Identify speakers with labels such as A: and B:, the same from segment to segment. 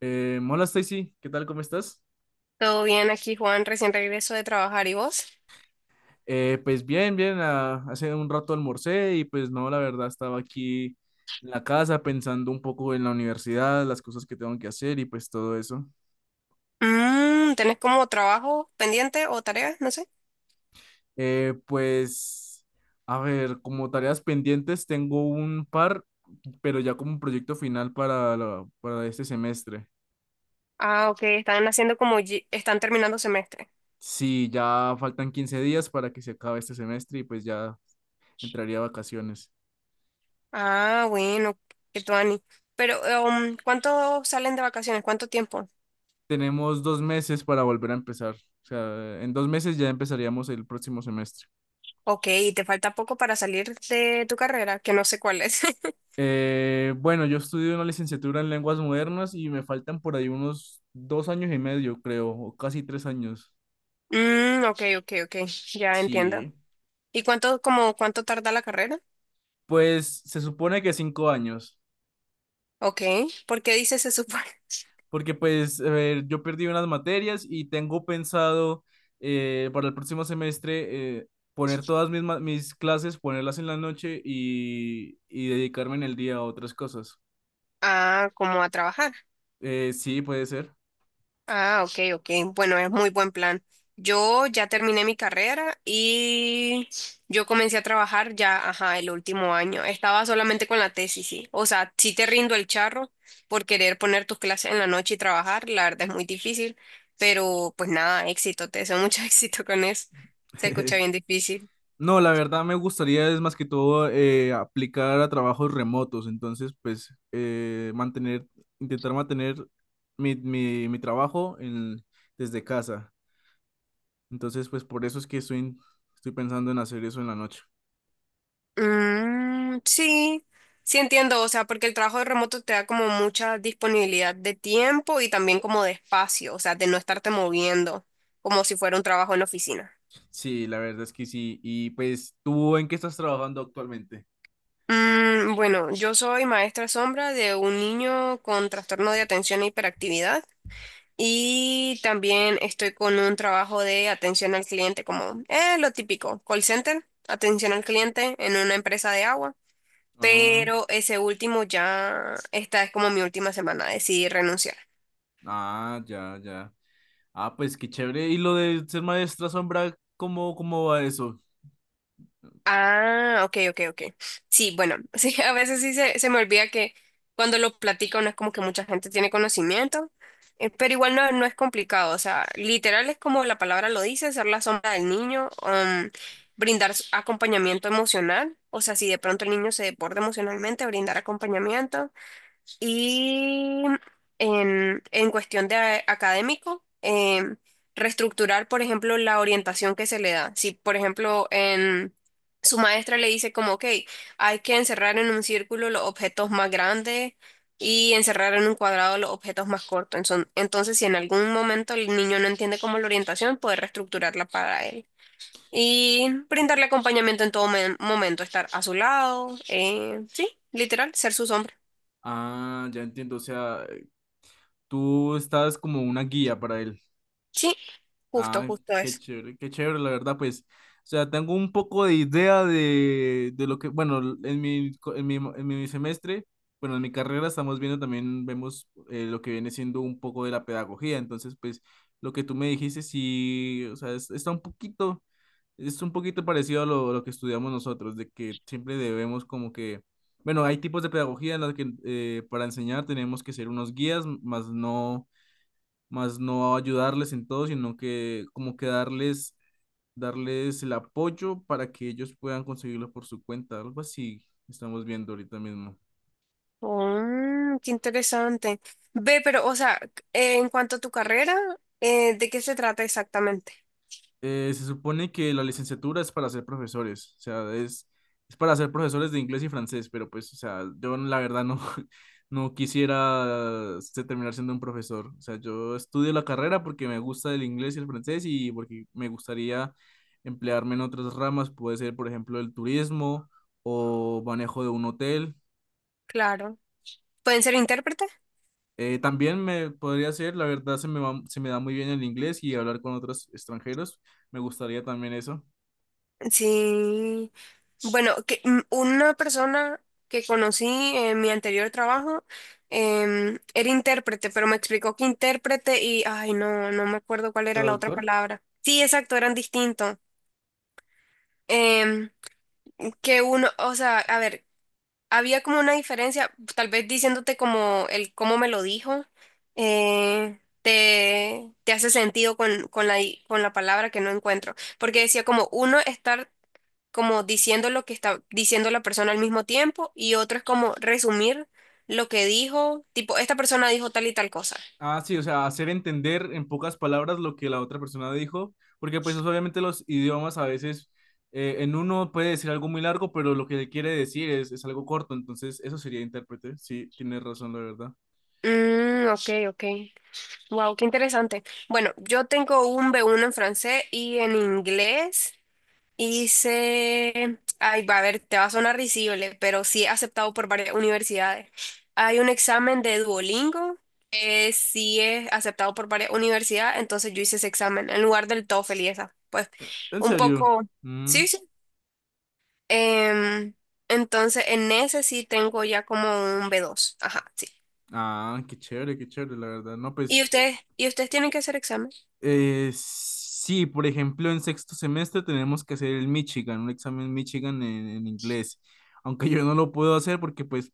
A: Hola Stacy, ¿qué tal? ¿Cómo estás?
B: Todo bien aquí, Juan. Recién regreso de trabajar. ¿Y vos?
A: Pues bien, bien, hace un rato almorcé y pues no, la verdad estaba aquí en la casa pensando un poco en la universidad, las cosas que tengo que hacer y pues todo eso.
B: ¿Tenés como trabajo pendiente o tareas? No sé.
A: Pues, a ver, como tareas pendientes tengo un par, pero ya como un proyecto final para, para este semestre.
B: Ah, ok. Están haciendo como están terminando semestre.
A: Sí, ya faltan 15 días para que se acabe este semestre y pues ya entraría a vacaciones.
B: Ah, bueno. Qué tuani. Pero, ¿cuánto salen de vacaciones? ¿Cuánto tiempo?
A: Tenemos dos meses para volver a empezar. O sea, en 2 meses ya empezaríamos el próximo semestre.
B: Ok, y te falta poco para salir de tu carrera, que no sé cuál es.
A: Bueno, yo estudio una licenciatura en lenguas modernas y me faltan por ahí unos 2 años y medio, creo, o casi 3 años.
B: Mm, ok, ok, ok. Ya entiendo.
A: Sí.
B: ¿Y cuánto tarda la carrera?
A: Pues se supone que 5 años,
B: Ok. ¿Por qué dices se supone?
A: porque pues a ver, yo perdí unas materias y tengo pensado para el próximo semestre poner todas mis clases, ponerlas en la noche y dedicarme en el día a otras cosas.
B: Ah, como a trabajar.
A: Sí, puede ser.
B: Ah, ok, ok. Bueno, es muy buen plan. Yo ya terminé mi carrera y yo comencé a trabajar ya, ajá, el último año. Estaba solamente con la tesis, sí. O sea, sí te rindo el charro por querer poner tus clases en la noche y trabajar. La verdad es muy difícil, pero pues nada, éxito. Te deseo mucho éxito con eso. Se escucha bien difícil.
A: No, la verdad me gustaría es más que todo aplicar a trabajos remotos, entonces pues mantener, intentar mantener mi trabajo en, desde casa. Entonces pues por eso es estoy pensando en hacer eso en la noche.
B: Mm, sí, sí entiendo, o sea, porque el trabajo de remoto te da como mucha disponibilidad de tiempo y también como de espacio, o sea, de no estarte moviendo, como si fuera un trabajo en oficina.
A: Sí, la verdad es que sí. Y pues ¿tú en qué estás trabajando actualmente?
B: Bueno, yo soy maestra sombra de un niño con trastorno de atención e hiperactividad y también estoy con un trabajo de atención al cliente, como lo típico, call center, atención al cliente en una empresa de agua.
A: Ah,
B: Pero ese último ya, esta es como mi última semana, decidí renunciar.
A: ah, ya, ya. Ah, pues qué chévere. ¿Y lo de ser maestra sombra, cómo, cómo va eso?
B: Ah, ok, ok, ok. Sí, bueno, sí, a veces sí se me olvida que cuando lo platico no es como que mucha gente tiene conocimiento, pero igual no, no es complicado, o sea, literal es como la palabra lo dice, ser la sombra del niño, brindar acompañamiento emocional, o sea, si de pronto el niño se desborda emocionalmente, brindar acompañamiento. Y en cuestión de académico, reestructurar, por ejemplo, la orientación que se le da. Si, por ejemplo, su maestra le dice como, ok, hay que encerrar en un círculo los objetos más grandes y encerrar en un cuadrado los objetos más cortos. Entonces, si en algún momento el niño no entiende como la orientación, poder reestructurarla para él. Y brindarle acompañamiento en todo momento, estar a su lado, sí, literal, ser su sombra.
A: Ah, ya entiendo. O sea, tú estás como una guía para él.
B: Sí, justo,
A: Ah,
B: justo eso.
A: qué chévere, la verdad, pues. O sea, tengo un poco de idea de lo que, bueno, en en mi semestre, bueno, en mi carrera estamos viendo también, vemos lo que viene siendo un poco de la pedagogía. Entonces, pues, lo que tú me dijiste, sí, o sea, está un poquito, es un poquito parecido a lo que estudiamos nosotros, de que siempre debemos como que, bueno, hay tipos de pedagogía en las que para enseñar tenemos que ser unos guías, más no ayudarles en todo, sino que como que darles, darles el apoyo para que ellos puedan conseguirlo por su cuenta, algo así estamos viendo ahorita mismo.
B: Mm, qué interesante. Ve, pero, o sea, en cuanto a tu carrera, ¿de qué se trata exactamente?
A: Se supone que la licenciatura es para ser profesores, o sea, es para ser profesores de inglés y francés, pero pues, o sea, yo la verdad no, no quisiera este, terminar siendo un profesor, o sea, yo estudio la carrera porque me gusta el inglés y el francés y porque me gustaría emplearme en otras ramas, puede ser, por ejemplo, el turismo o manejo de un hotel.
B: Claro. ¿Pueden ser intérpretes?
A: También me podría ser, la verdad, se me da muy bien el inglés y hablar con otros extranjeros, me gustaría también eso.
B: Sí. Bueno, que una persona que conocí en mi anterior trabajo, era intérprete, pero me explicó que intérprete y, ay, no, no me acuerdo cuál era la otra
A: ¿Traductor?
B: palabra. Sí, exacto, eran distintos. Em, que uno, o sea, a ver, había como una diferencia, tal vez diciéndote como el cómo me lo dijo, te hace sentido con la palabra que no encuentro, porque decía como uno estar como diciendo lo que está diciendo la persona al mismo tiempo y otro es como resumir lo que dijo, tipo, esta persona dijo tal y tal cosa.
A: Ah, sí, o sea, hacer entender en pocas palabras lo que la otra persona dijo, porque pues obviamente los idiomas a veces en uno puede decir algo muy largo, pero lo que le quiere decir es algo corto, entonces eso sería intérprete, sí, tienes razón, la verdad.
B: Mm, ok, ok. Wow, qué interesante. Bueno, yo tengo un B1 en francés y en inglés. Hice Ay, va a ver, te va a sonar risible, pero sí he aceptado por varias universidades. Hay un examen de Duolingo que sí es aceptado por varias universidades, entonces yo hice ese examen en lugar del TOEFL y esa. Pues
A: ¿En
B: un
A: serio?
B: poco.
A: Mm,
B: Sí, sí. Em, entonces en ese sí tengo ya como un B2. Ajá, sí.
A: ah, qué chévere, la verdad. No, pues
B: ¿Y ustedes tienen que hacer examen?
A: Sí, por ejemplo, en sexto semestre tenemos que hacer el Michigan, un examen Michigan en inglés, aunque yo no lo puedo hacer porque pues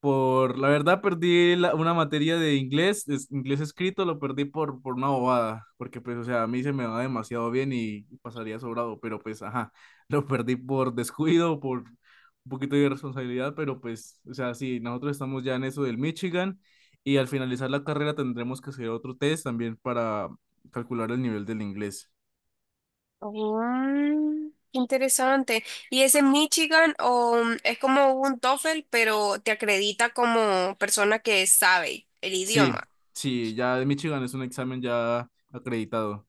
A: por la verdad perdí una materia de inglés, inglés escrito, lo perdí por una bobada, porque pues o sea, a mí se me va demasiado bien y pasaría sobrado, pero pues ajá, lo perdí por descuido, por un poquito de irresponsabilidad, pero pues o sea, sí, nosotros estamos ya en eso del Michigan. Y al finalizar la carrera tendremos que hacer otro test también para, calcular el nivel del inglés.
B: Mm, interesante. ¿Y es en Michigan o es como un TOEFL, pero te acredita como persona que sabe el
A: Sí,
B: idioma?
A: sí, ya de Michigan es un examen ya acreditado.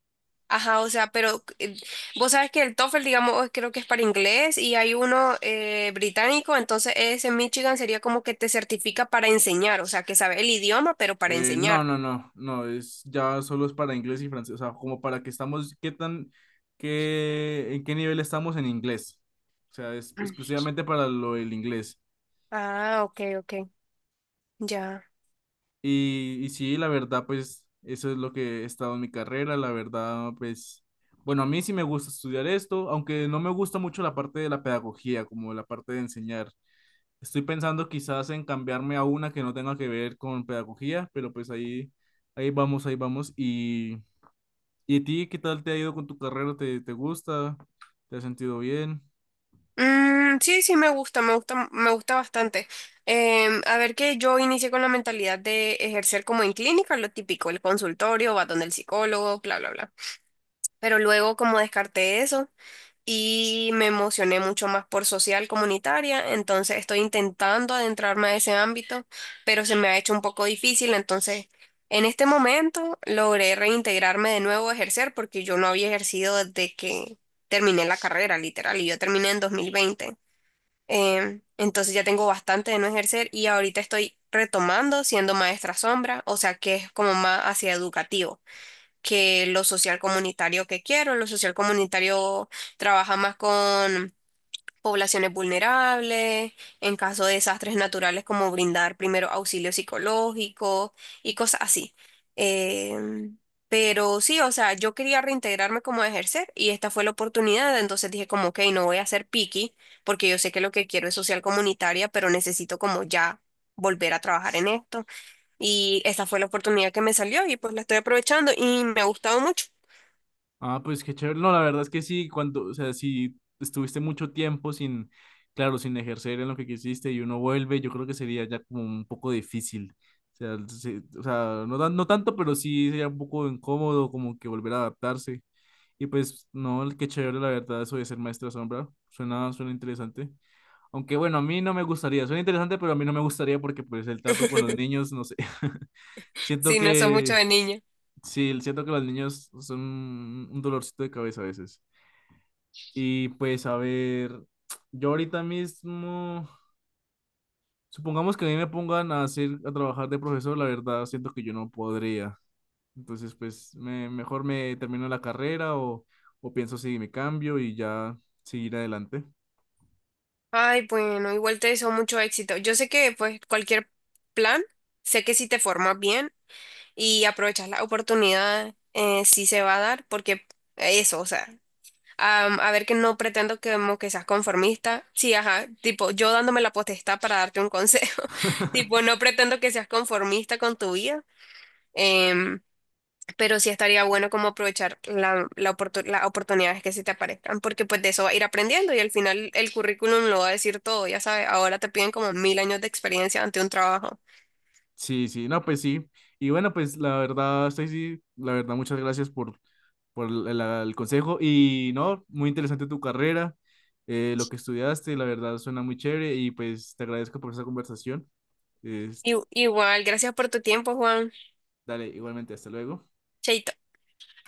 B: Ajá, o sea, pero vos sabes que el TOEFL, digamos, creo que es para inglés y hay uno británico, entonces ese en Michigan sería como que te certifica para enseñar, o sea, que sabe el idioma, pero para
A: No,
B: enseñar.
A: no, no, no, es ya solo es para inglés y francés, o sea, como para que estamos, qué tan, qué, en qué nivel estamos en inglés. O sea, es
B: Mm.
A: exclusivamente para lo del inglés.
B: Ah, ok, ok, ya.
A: Y sí, la verdad, pues eso es lo que he estado en mi carrera, la verdad, pues, bueno, a mí sí me gusta estudiar esto, aunque no me gusta mucho la parte de la pedagogía, como la parte de enseñar. Estoy pensando quizás en cambiarme a una que no tenga que ver con pedagogía, pero pues ahí, ahí vamos, ahí vamos. Y a ti qué tal te ha ido con tu carrera? ¿Te, te gusta? ¿Te has sentido bien?
B: Mm, sí, sí, me gusta, me gusta, me gusta bastante. A ver que yo inicié con la mentalidad de ejercer como en clínica, lo típico, el consultorio, va donde el psicólogo, bla, bla, bla. Pero luego como descarté eso y me emocioné mucho más por social comunitaria, entonces estoy intentando adentrarme a ese ámbito, pero se me ha hecho un poco difícil, entonces en este momento logré reintegrarme de nuevo a ejercer porque yo no había ejercido desde que terminé la carrera, literal, y yo terminé en 2020. Entonces ya tengo bastante de no ejercer y ahorita estoy retomando siendo maestra sombra, o sea que es como más hacia educativo que lo social comunitario que quiero. Lo social comunitario trabaja más con poblaciones vulnerables, en caso de desastres naturales como brindar primero auxilio psicológico y cosas así. Em, pero sí, o sea, yo quería reintegrarme como a ejercer y esta fue la oportunidad, entonces dije como, ok, no voy a ser picky porque yo sé que lo que quiero es social comunitaria, pero necesito como ya volver a trabajar en esto. Y esta fue la oportunidad que me salió y pues la estoy aprovechando y me ha gustado mucho.
A: Ah, pues qué chévere. No, la verdad es que sí, cuando, o sea, si estuviste mucho tiempo sin, claro, sin ejercer en lo que quisiste y uno vuelve, yo creo que sería ya como un poco difícil. O sea, sí, o sea, no, no tanto, pero sí sería un poco incómodo como que volver a adaptarse. Y pues, no, qué chévere, la verdad, eso de ser maestra sombra. Suena, suena interesante. Aunque bueno, a mí no me gustaría. Suena interesante, pero a mí no me gustaría porque pues el trato con los niños, no sé. Siento
B: Sí, no soy mucho
A: que...
B: de niña.
A: Sí, siento que los niños son un dolorcito de cabeza a veces. Y pues a ver, yo ahorita mismo, supongamos que a mí me pongan a hacer, a trabajar de profesor, la verdad siento que yo no podría. Entonces, pues mejor me termino la carrera o pienso si me cambio y ya seguir adelante.
B: Ay, bueno, igual te deseo mucho éxito. Yo sé que pues cualquier plan, sé que si te formas bien y aprovechas la oportunidad, sí se va a dar, porque eso, o sea, a ver que no pretendo que, como que seas conformista. Sí, ajá, tipo, yo dándome la potestad para darte un consejo. Tipo, no pretendo que seas conformista con tu vida. em, pero sí estaría bueno como aprovechar las oportunidades que se te aparezcan, porque pues de eso va a ir aprendiendo y al final el currículum lo va a decir todo, ya sabes, ahora te piden como mil años de experiencia ante un trabajo.
A: Sí, sí, no, pues sí. Y bueno, pues la verdad, Stacy, la verdad, muchas gracias por el consejo. Y no, muy interesante tu carrera, lo que estudiaste, la verdad suena muy chévere y pues te agradezco por esa conversación. Es-
B: Y, igual, gracias por tu tiempo, Juan.
A: dale, igualmente, hasta luego.
B: Chaito.